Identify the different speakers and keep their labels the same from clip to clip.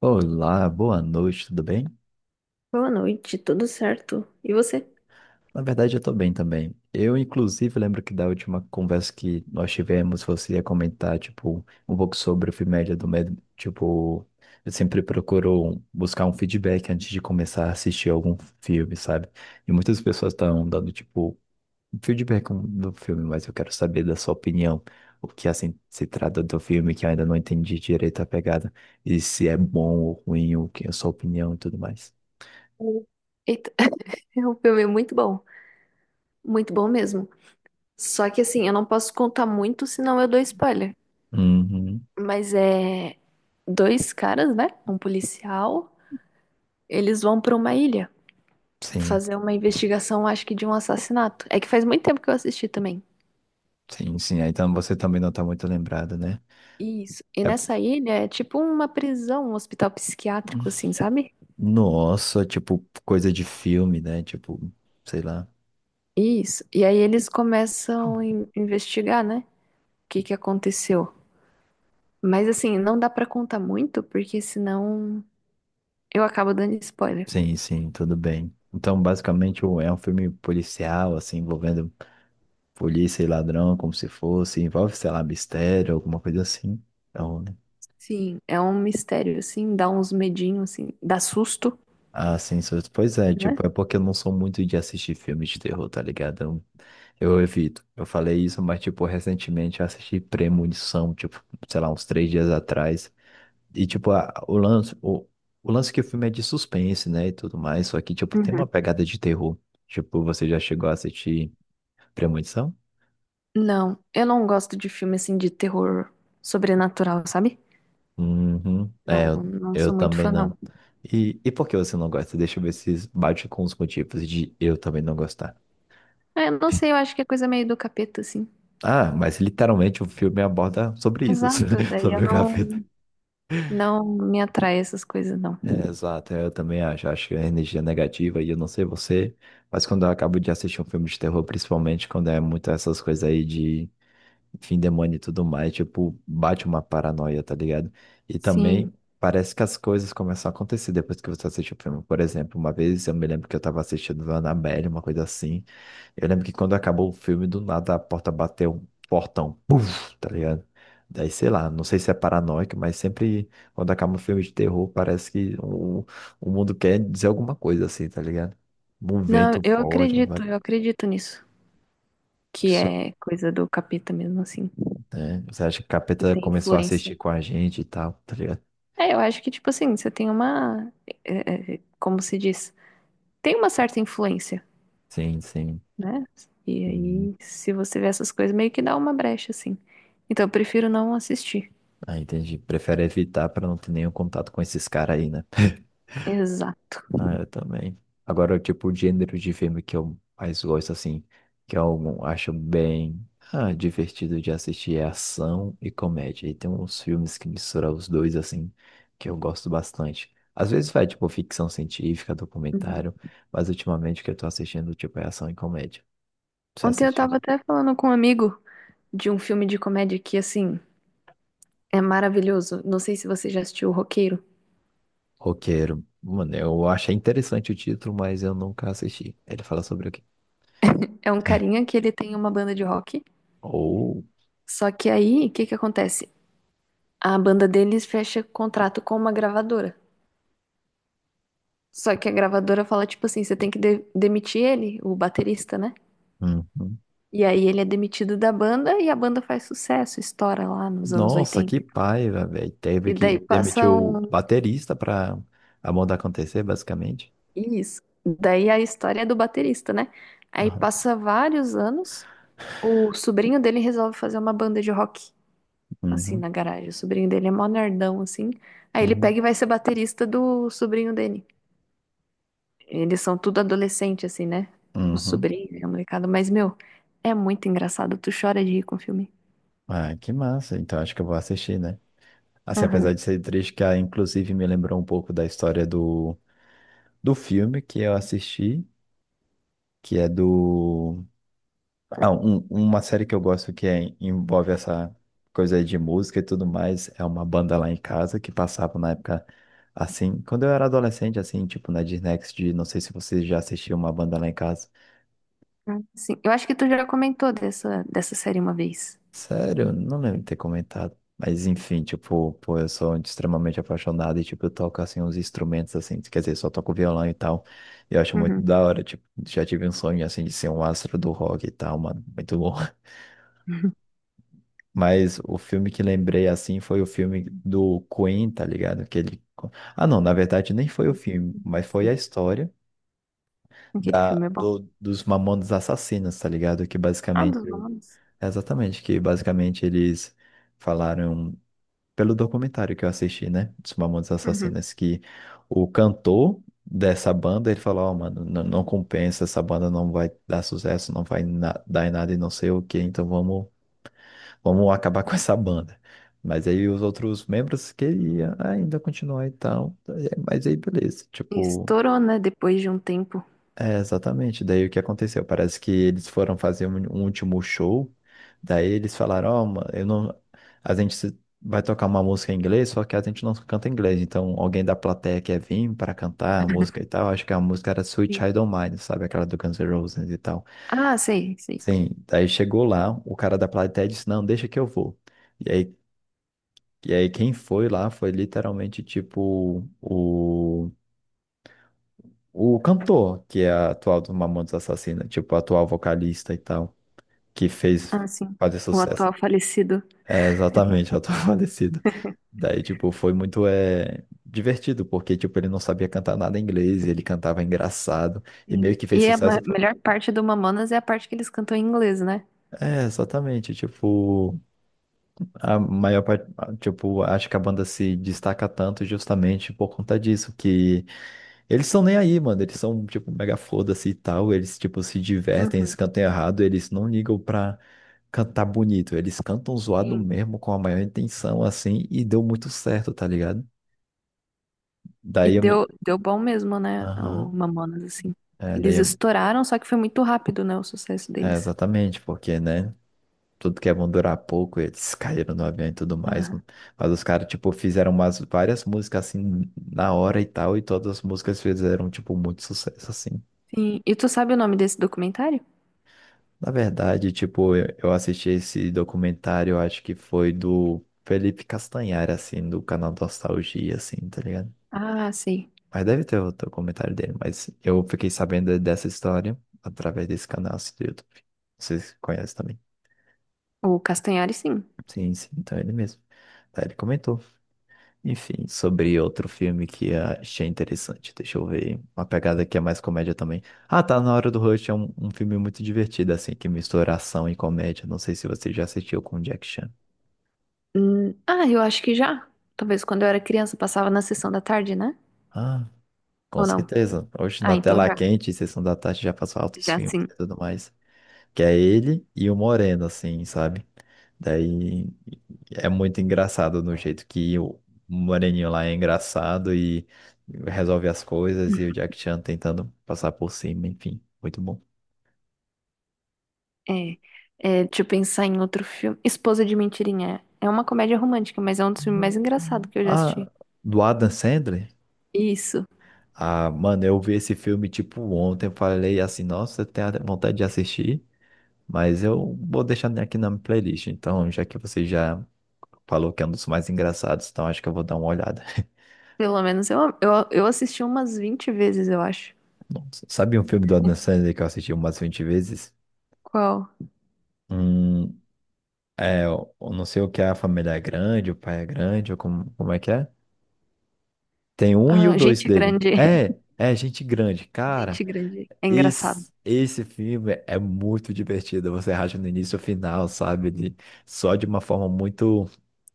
Speaker 1: Olá, boa noite, tudo bem?
Speaker 2: Boa noite, tudo certo? E você?
Speaker 1: Na verdade, eu tô bem também. Eu, inclusive, lembro que da última conversa que nós tivemos, você ia comentar, tipo, um pouco sobre o filme do Medo. Tipo, eu sempre procuro buscar um feedback antes de começar a assistir algum filme, sabe? E muitas pessoas estão dando, tipo, um feedback do filme, mas eu quero saber da sua opinião. O que, assim, se trata do filme que eu ainda não entendi direito a pegada. E se é bom ou ruim, o que é a sua opinião e tudo mais.
Speaker 2: Oi. Eita, é um filme muito bom mesmo. Só que assim, eu não posso contar muito, senão eu dou spoiler.
Speaker 1: Uhum.
Speaker 2: Mas é dois caras, né? Um policial, eles vão pra uma ilha
Speaker 1: Sim,
Speaker 2: fazer uma investigação, acho que de um assassinato. É que faz muito tempo que eu assisti também.
Speaker 1: sim, sim. Aí você também não tá muito lembrado, né?
Speaker 2: Isso. E
Speaker 1: É...
Speaker 2: nessa ilha é tipo uma prisão, um hospital psiquiátrico, assim, sabe?
Speaker 1: Nossa, tipo, coisa de filme, né? Tipo, sei lá.
Speaker 2: Isso. E aí eles começam a investigar, né? O que que aconteceu? Mas assim, não dá pra contar muito, porque senão eu acabo dando spoiler.
Speaker 1: Sim, sim, tudo bem. Então, basicamente, é um filme policial, assim, envolvendo polícia e ladrão, como se fosse, envolve, sei lá, mistério, alguma coisa assim. Então, né?
Speaker 2: Sim, é um mistério, assim, dá uns medinhos, assim, dá susto,
Speaker 1: Ah, sim, pois é,
Speaker 2: né?
Speaker 1: tipo, é porque eu não sou muito de assistir filmes de terror, tá ligado? Eu evito. Eu falei isso, mas, tipo, recentemente eu assisti Premonição, tipo, sei lá, uns três dias atrás. E, tipo, o lance, o lance que o filme é de suspense, né, e tudo mais, só que, tipo, tem
Speaker 2: Uhum.
Speaker 1: uma pegada de terror. Tipo, você já chegou a assistir Premonição?
Speaker 2: Não, eu não gosto de filme, assim, de terror sobrenatural, sabe?
Speaker 1: Uhum.
Speaker 2: Não,
Speaker 1: É,
Speaker 2: não
Speaker 1: eu
Speaker 2: sou muito
Speaker 1: também
Speaker 2: fã,
Speaker 1: não.
Speaker 2: não.
Speaker 1: E por que você não gosta? Deixa eu ver se bate com os motivos de eu também não gostar.
Speaker 2: Eu não sei, eu acho que é coisa meio do capeta, assim.
Speaker 1: Ah, mas literalmente o filme aborda sobre isso,
Speaker 2: Exato, daí eu
Speaker 1: sobre o capeta.
Speaker 2: não, não me atrai essas coisas, não.
Speaker 1: É, exato, eu também acho. Acho que a energia é negativa e eu não sei você, mas quando eu acabo de assistir um filme de terror, principalmente quando é muito essas coisas aí de enfim, demônio e tudo mais, tipo, bate uma paranoia, tá ligado? E
Speaker 2: Sim.
Speaker 1: também parece que as coisas começam a acontecer depois que você assiste o filme. Por exemplo, uma vez eu me lembro que eu tava assistindo Annabelle, uma coisa assim. Eu lembro que quando acabou o filme, do nada a porta bateu um portão, puf, tá ligado? Daí, sei lá, não sei se é paranoico, mas sempre quando acaba um filme de terror, parece que o mundo quer dizer alguma coisa assim, tá ligado? Um
Speaker 2: Não,
Speaker 1: vento forte,
Speaker 2: eu acredito nisso. Que é coisa do capeta mesmo, assim.
Speaker 1: né? Você acha que o
Speaker 2: Que
Speaker 1: capeta
Speaker 2: tem
Speaker 1: começou a
Speaker 2: influência.
Speaker 1: assistir com a gente e tal, tá ligado?
Speaker 2: É, eu acho que, tipo assim, você tem uma. Como se diz? Tem uma certa influência,
Speaker 1: Sim, sim.
Speaker 2: né? E
Speaker 1: Uhum.
Speaker 2: aí, se você vê essas coisas, meio que dá uma brecha, assim. Então, eu prefiro não assistir.
Speaker 1: Ah, entendi. Prefere evitar pra não ter nenhum contato com esses caras aí, né?
Speaker 2: Exato.
Speaker 1: Ah, eu também. Agora, tipo, o gênero de filme que eu mais gosto, assim, que eu acho bem divertido de assistir é ação e comédia. E tem uns filmes que misturam os dois, assim, que eu gosto bastante. Às vezes vai, tipo, ficção científica,
Speaker 2: Uhum.
Speaker 1: documentário, mas ultimamente o que eu tô assistindo, tipo, é ação e comédia. Você
Speaker 2: Ontem eu
Speaker 1: assistiu?
Speaker 2: tava até falando com um amigo de um filme de comédia que, assim, é maravilhoso. Não sei se você já assistiu O Roqueiro.
Speaker 1: Roqueiro. Mano, eu achei interessante o título, mas eu nunca assisti. Ele fala sobre o quê?
Speaker 2: É um carinha que ele tem uma banda de rock.
Speaker 1: Oh,
Speaker 2: Só que aí, o que que acontece? A banda deles fecha contrato com uma gravadora. Só que a gravadora fala, tipo assim, você tem que demitir ele, o baterista, né?
Speaker 1: uhum.
Speaker 2: E aí ele é demitido da banda e a banda faz sucesso, estoura lá nos anos
Speaker 1: Nossa,
Speaker 2: 80.
Speaker 1: que
Speaker 2: E tal.
Speaker 1: paiva, velho. Teve
Speaker 2: E
Speaker 1: que
Speaker 2: daí
Speaker 1: demitir
Speaker 2: passa
Speaker 1: o
Speaker 2: um...
Speaker 1: baterista pra a moda acontecer, basicamente.
Speaker 2: Isso. Daí a história é do baterista, né? Aí
Speaker 1: Aham.
Speaker 2: passa vários anos, o sobrinho dele resolve fazer uma banda de rock, assim,
Speaker 1: Uhum.
Speaker 2: na garagem. O sobrinho dele é mó nerdão, assim. Aí ele
Speaker 1: Uhum.
Speaker 2: pega e vai ser baterista do sobrinho dele. Eles são tudo adolescente, assim, né? O
Speaker 1: Uhum.
Speaker 2: sobrinho, a molecada. Mas, meu, é muito engraçado. Tu chora de rir com o filme.
Speaker 1: Ah, que massa. Então acho que eu vou assistir, né? Assim, apesar
Speaker 2: Aham.
Speaker 1: de ser triste, que inclusive me lembrou um pouco da história do filme que eu assisti, que é do uma série que eu gosto que envolve essa coisa aí de música e tudo mais é uma banda lá em casa que passava na época, assim, quando eu era adolescente, assim, tipo na Disney XD, não sei se você já assistiu uma banda lá em casa.
Speaker 2: Sim, eu acho que tu já comentou dessa série uma vez.
Speaker 1: Sério, não lembro de ter comentado. Mas enfim, tipo, pô, eu sou extremamente apaixonado e, tipo, eu toco, assim, uns instrumentos, assim, quer dizer, só toco violão e tal. E eu acho muito
Speaker 2: Uhum.
Speaker 1: da hora, tipo, já tive um sonho, assim, de ser um astro do rock e tal, mano, muito. Mas o filme que lembrei assim foi o filme do Queen, tá ligado? Que ele... Ah, não, na verdade nem foi o filme, mas foi a
Speaker 2: Sim,
Speaker 1: história
Speaker 2: aquele filme é bom.
Speaker 1: dos Mamonas Assassinas, tá ligado? Que
Speaker 2: Ah,
Speaker 1: basicamente.
Speaker 2: dos nomes.
Speaker 1: Exatamente, que basicamente eles falaram, pelo documentário que eu assisti, né? Dos Mamonas
Speaker 2: Uhum.
Speaker 1: Assassinas, que o cantor dessa banda, ele falou: Ó, mano, não, não compensa, essa banda não vai dar sucesso, não vai na- dar em nada e não sei o quê, então vamos acabar com essa banda. Mas aí os outros membros queriam ainda continuar e tal. É, mas aí beleza, tipo,
Speaker 2: Estourou, né? Depois de um tempo.
Speaker 1: é exatamente. Daí o que aconteceu? Parece que eles foram fazer um último show. Daí eles falaram, ó, mano, eu não. A gente vai tocar uma música em inglês, só que a gente não canta inglês. Então alguém da plateia quer vir para cantar a música e tal. Acho que a música era Sweet
Speaker 2: Sim.
Speaker 1: Child O' Mine, sabe? Aquela do Guns N' Roses e tal.
Speaker 2: Ah, sei, sei.
Speaker 1: Sim, daí chegou lá, o cara da plateia disse, não, deixa que eu vou. E aí e aí quem foi lá foi literalmente tipo o cantor, que é a atual do Mamonas Assassina, tipo a atual vocalista e tal, que fez
Speaker 2: Ah, sim.
Speaker 1: fazer
Speaker 2: O
Speaker 1: sucesso.
Speaker 2: atual falecido.
Speaker 1: É exatamente, a atual falecida. Daí, tipo, foi muito é, divertido, porque, tipo, ele não sabia cantar nada em inglês, ele cantava engraçado, e meio
Speaker 2: Sim.
Speaker 1: que fez
Speaker 2: E a
Speaker 1: sucesso.
Speaker 2: melhor parte do Mamonas é a parte que eles cantam em inglês, né?
Speaker 1: É, exatamente, tipo, a maior parte, tipo, acho que a banda se destaca tanto justamente por conta disso, que eles são nem aí, mano. Eles são, tipo, mega foda-se e tal. Eles, tipo, se divertem, eles
Speaker 2: Uhum.
Speaker 1: cantam errado. Eles não ligam pra cantar bonito. Eles cantam zoado
Speaker 2: Sim.
Speaker 1: mesmo, com a maior intenção, assim. E deu muito certo, tá ligado?
Speaker 2: E
Speaker 1: Daí eu me...
Speaker 2: deu bom mesmo, né? O
Speaker 1: Aham.
Speaker 2: Mamonas, assim.
Speaker 1: É, daí
Speaker 2: Eles
Speaker 1: eu...
Speaker 2: estouraram, só que foi muito rápido, né? O sucesso
Speaker 1: É,
Speaker 2: deles.
Speaker 1: exatamente. Porque, né? Tudo que é bom durar pouco. Eles caíram no avião e tudo mais.
Speaker 2: Ah,
Speaker 1: Mas os caras, tipo, fizeram umas várias músicas, assim, na hora e tal. E todas as músicas fizeram, tipo, muito sucesso, assim.
Speaker 2: sim. E tu sabe o nome desse documentário?
Speaker 1: Na verdade, tipo, eu assisti esse documentário, eu acho que foi do Felipe Castanhari, assim, do canal Nostalgia, assim, tá ligado?
Speaker 2: Ah, sei.
Speaker 1: Mas deve ter outro comentário dele, mas eu fiquei sabendo dessa história através desse canal assim, do YouTube. Vocês conhecem também?
Speaker 2: O Castanhari, sim.
Speaker 1: Sim, sim, então é ele mesmo. Daí ele comentou. Enfim, sobre outro filme que achei interessante. Deixa eu ver. Uma pegada que é mais comédia também. Ah, tá na hora do Rush. É um filme muito divertido, assim, que mistura ação e comédia. Não sei se você já assistiu com o Jack Chan.
Speaker 2: Ah, eu acho que já. Talvez quando eu era criança passava na sessão da tarde, né?
Speaker 1: Ah, com
Speaker 2: Ou não?
Speaker 1: certeza. Hoje
Speaker 2: Ah,
Speaker 1: na
Speaker 2: então
Speaker 1: tela
Speaker 2: já.
Speaker 1: quente, Sessão da Tarde já passou altos
Speaker 2: Já
Speaker 1: filmes
Speaker 2: sim.
Speaker 1: e tudo mais. Que é ele e o Moreno, assim, sabe? Daí é muito engraçado no jeito que o Moreninho lá é engraçado e resolve as coisas e o Jack Chan tentando passar por cima, enfim, muito bom.
Speaker 2: É, deixa eu pensar em outro filme. Esposa de Mentirinha. É uma comédia romântica, mas é um dos filmes mais engraçados que eu já assisti.
Speaker 1: Ah, do Adam Sandler?
Speaker 2: Isso.
Speaker 1: Ah, mano, eu vi esse filme tipo ontem, eu falei assim, nossa, eu tenho vontade de assistir. Mas eu vou deixar aqui na minha playlist. Então, já que você já falou que é um dos mais engraçados, então acho que eu vou dar uma olhada.
Speaker 2: Pelo menos eu assisti umas 20 vezes, eu acho.
Speaker 1: Nossa, sabe um filme do Adam Sandler que eu assisti umas 20 vezes?
Speaker 2: Qual?
Speaker 1: Hum, é, eu não sei o que é a família é grande, o pai é grande, ou como, como é que é? Tem um e o
Speaker 2: Ah,
Speaker 1: dois
Speaker 2: Gente
Speaker 1: dele.
Speaker 2: Grande.
Speaker 1: É, é gente grande. Cara,
Speaker 2: Gente Grande. É engraçado.
Speaker 1: Esse filme é muito divertido. Você racha no início e final, sabe? Só de uma forma muito,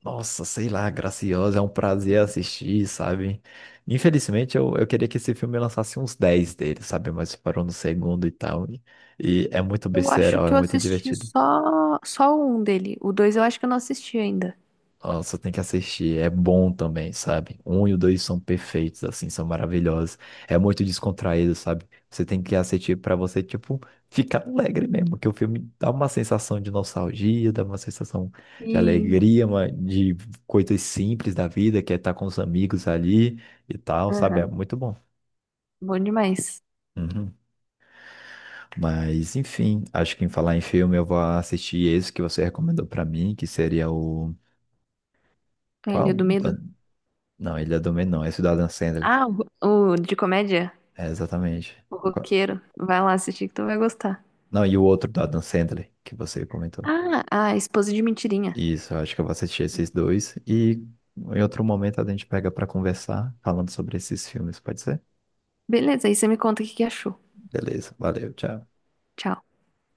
Speaker 1: nossa, sei lá, graciosa. É um prazer assistir, sabe? Infelizmente, eu queria que esse filme lançasse uns 10 dele, sabe? Mas parou no segundo e tal. E é muito
Speaker 2: Eu acho
Speaker 1: besteirol,
Speaker 2: que
Speaker 1: é
Speaker 2: eu
Speaker 1: muito
Speaker 2: assisti
Speaker 1: divertido.
Speaker 2: só um dele. O dois eu acho que eu não assisti ainda.
Speaker 1: Nossa, tem que assistir. É bom também, sabe? Um e o dois são perfeitos, assim, são maravilhosos. É muito descontraído, sabe? Você tem que assistir pra você, tipo, ficar alegre mesmo, que o filme dá uma sensação de nostalgia, dá uma sensação de
Speaker 2: Sim.
Speaker 1: alegria, de coisas simples da vida, que é estar com os amigos ali e tal, sabe? É
Speaker 2: Aham.
Speaker 1: muito bom.
Speaker 2: Bom demais.
Speaker 1: Uhum. Mas, enfim, acho que em falar em filme, eu vou assistir esse que você recomendou pra mim, que seria o.
Speaker 2: É, Ilha
Speaker 1: Qual?
Speaker 2: do Medo.
Speaker 1: Não, ele é do Menor, é o Cidadão Sandler.
Speaker 2: Ah, o de comédia?
Speaker 1: É, exatamente.
Speaker 2: O
Speaker 1: Qua-
Speaker 2: Roqueiro. Vai lá assistir que tu vai gostar.
Speaker 1: Não, e o outro do Adam Sandler, que você comentou.
Speaker 2: Ah, a Esposa de Mentirinha.
Speaker 1: Isso, eu acho que eu vou assistir esses dois. E em outro momento a gente pega para conversar falando sobre esses filmes, pode ser?
Speaker 2: Beleza, aí você me conta o que que achou.
Speaker 1: Beleza, valeu, tchau.
Speaker 2: Tchau.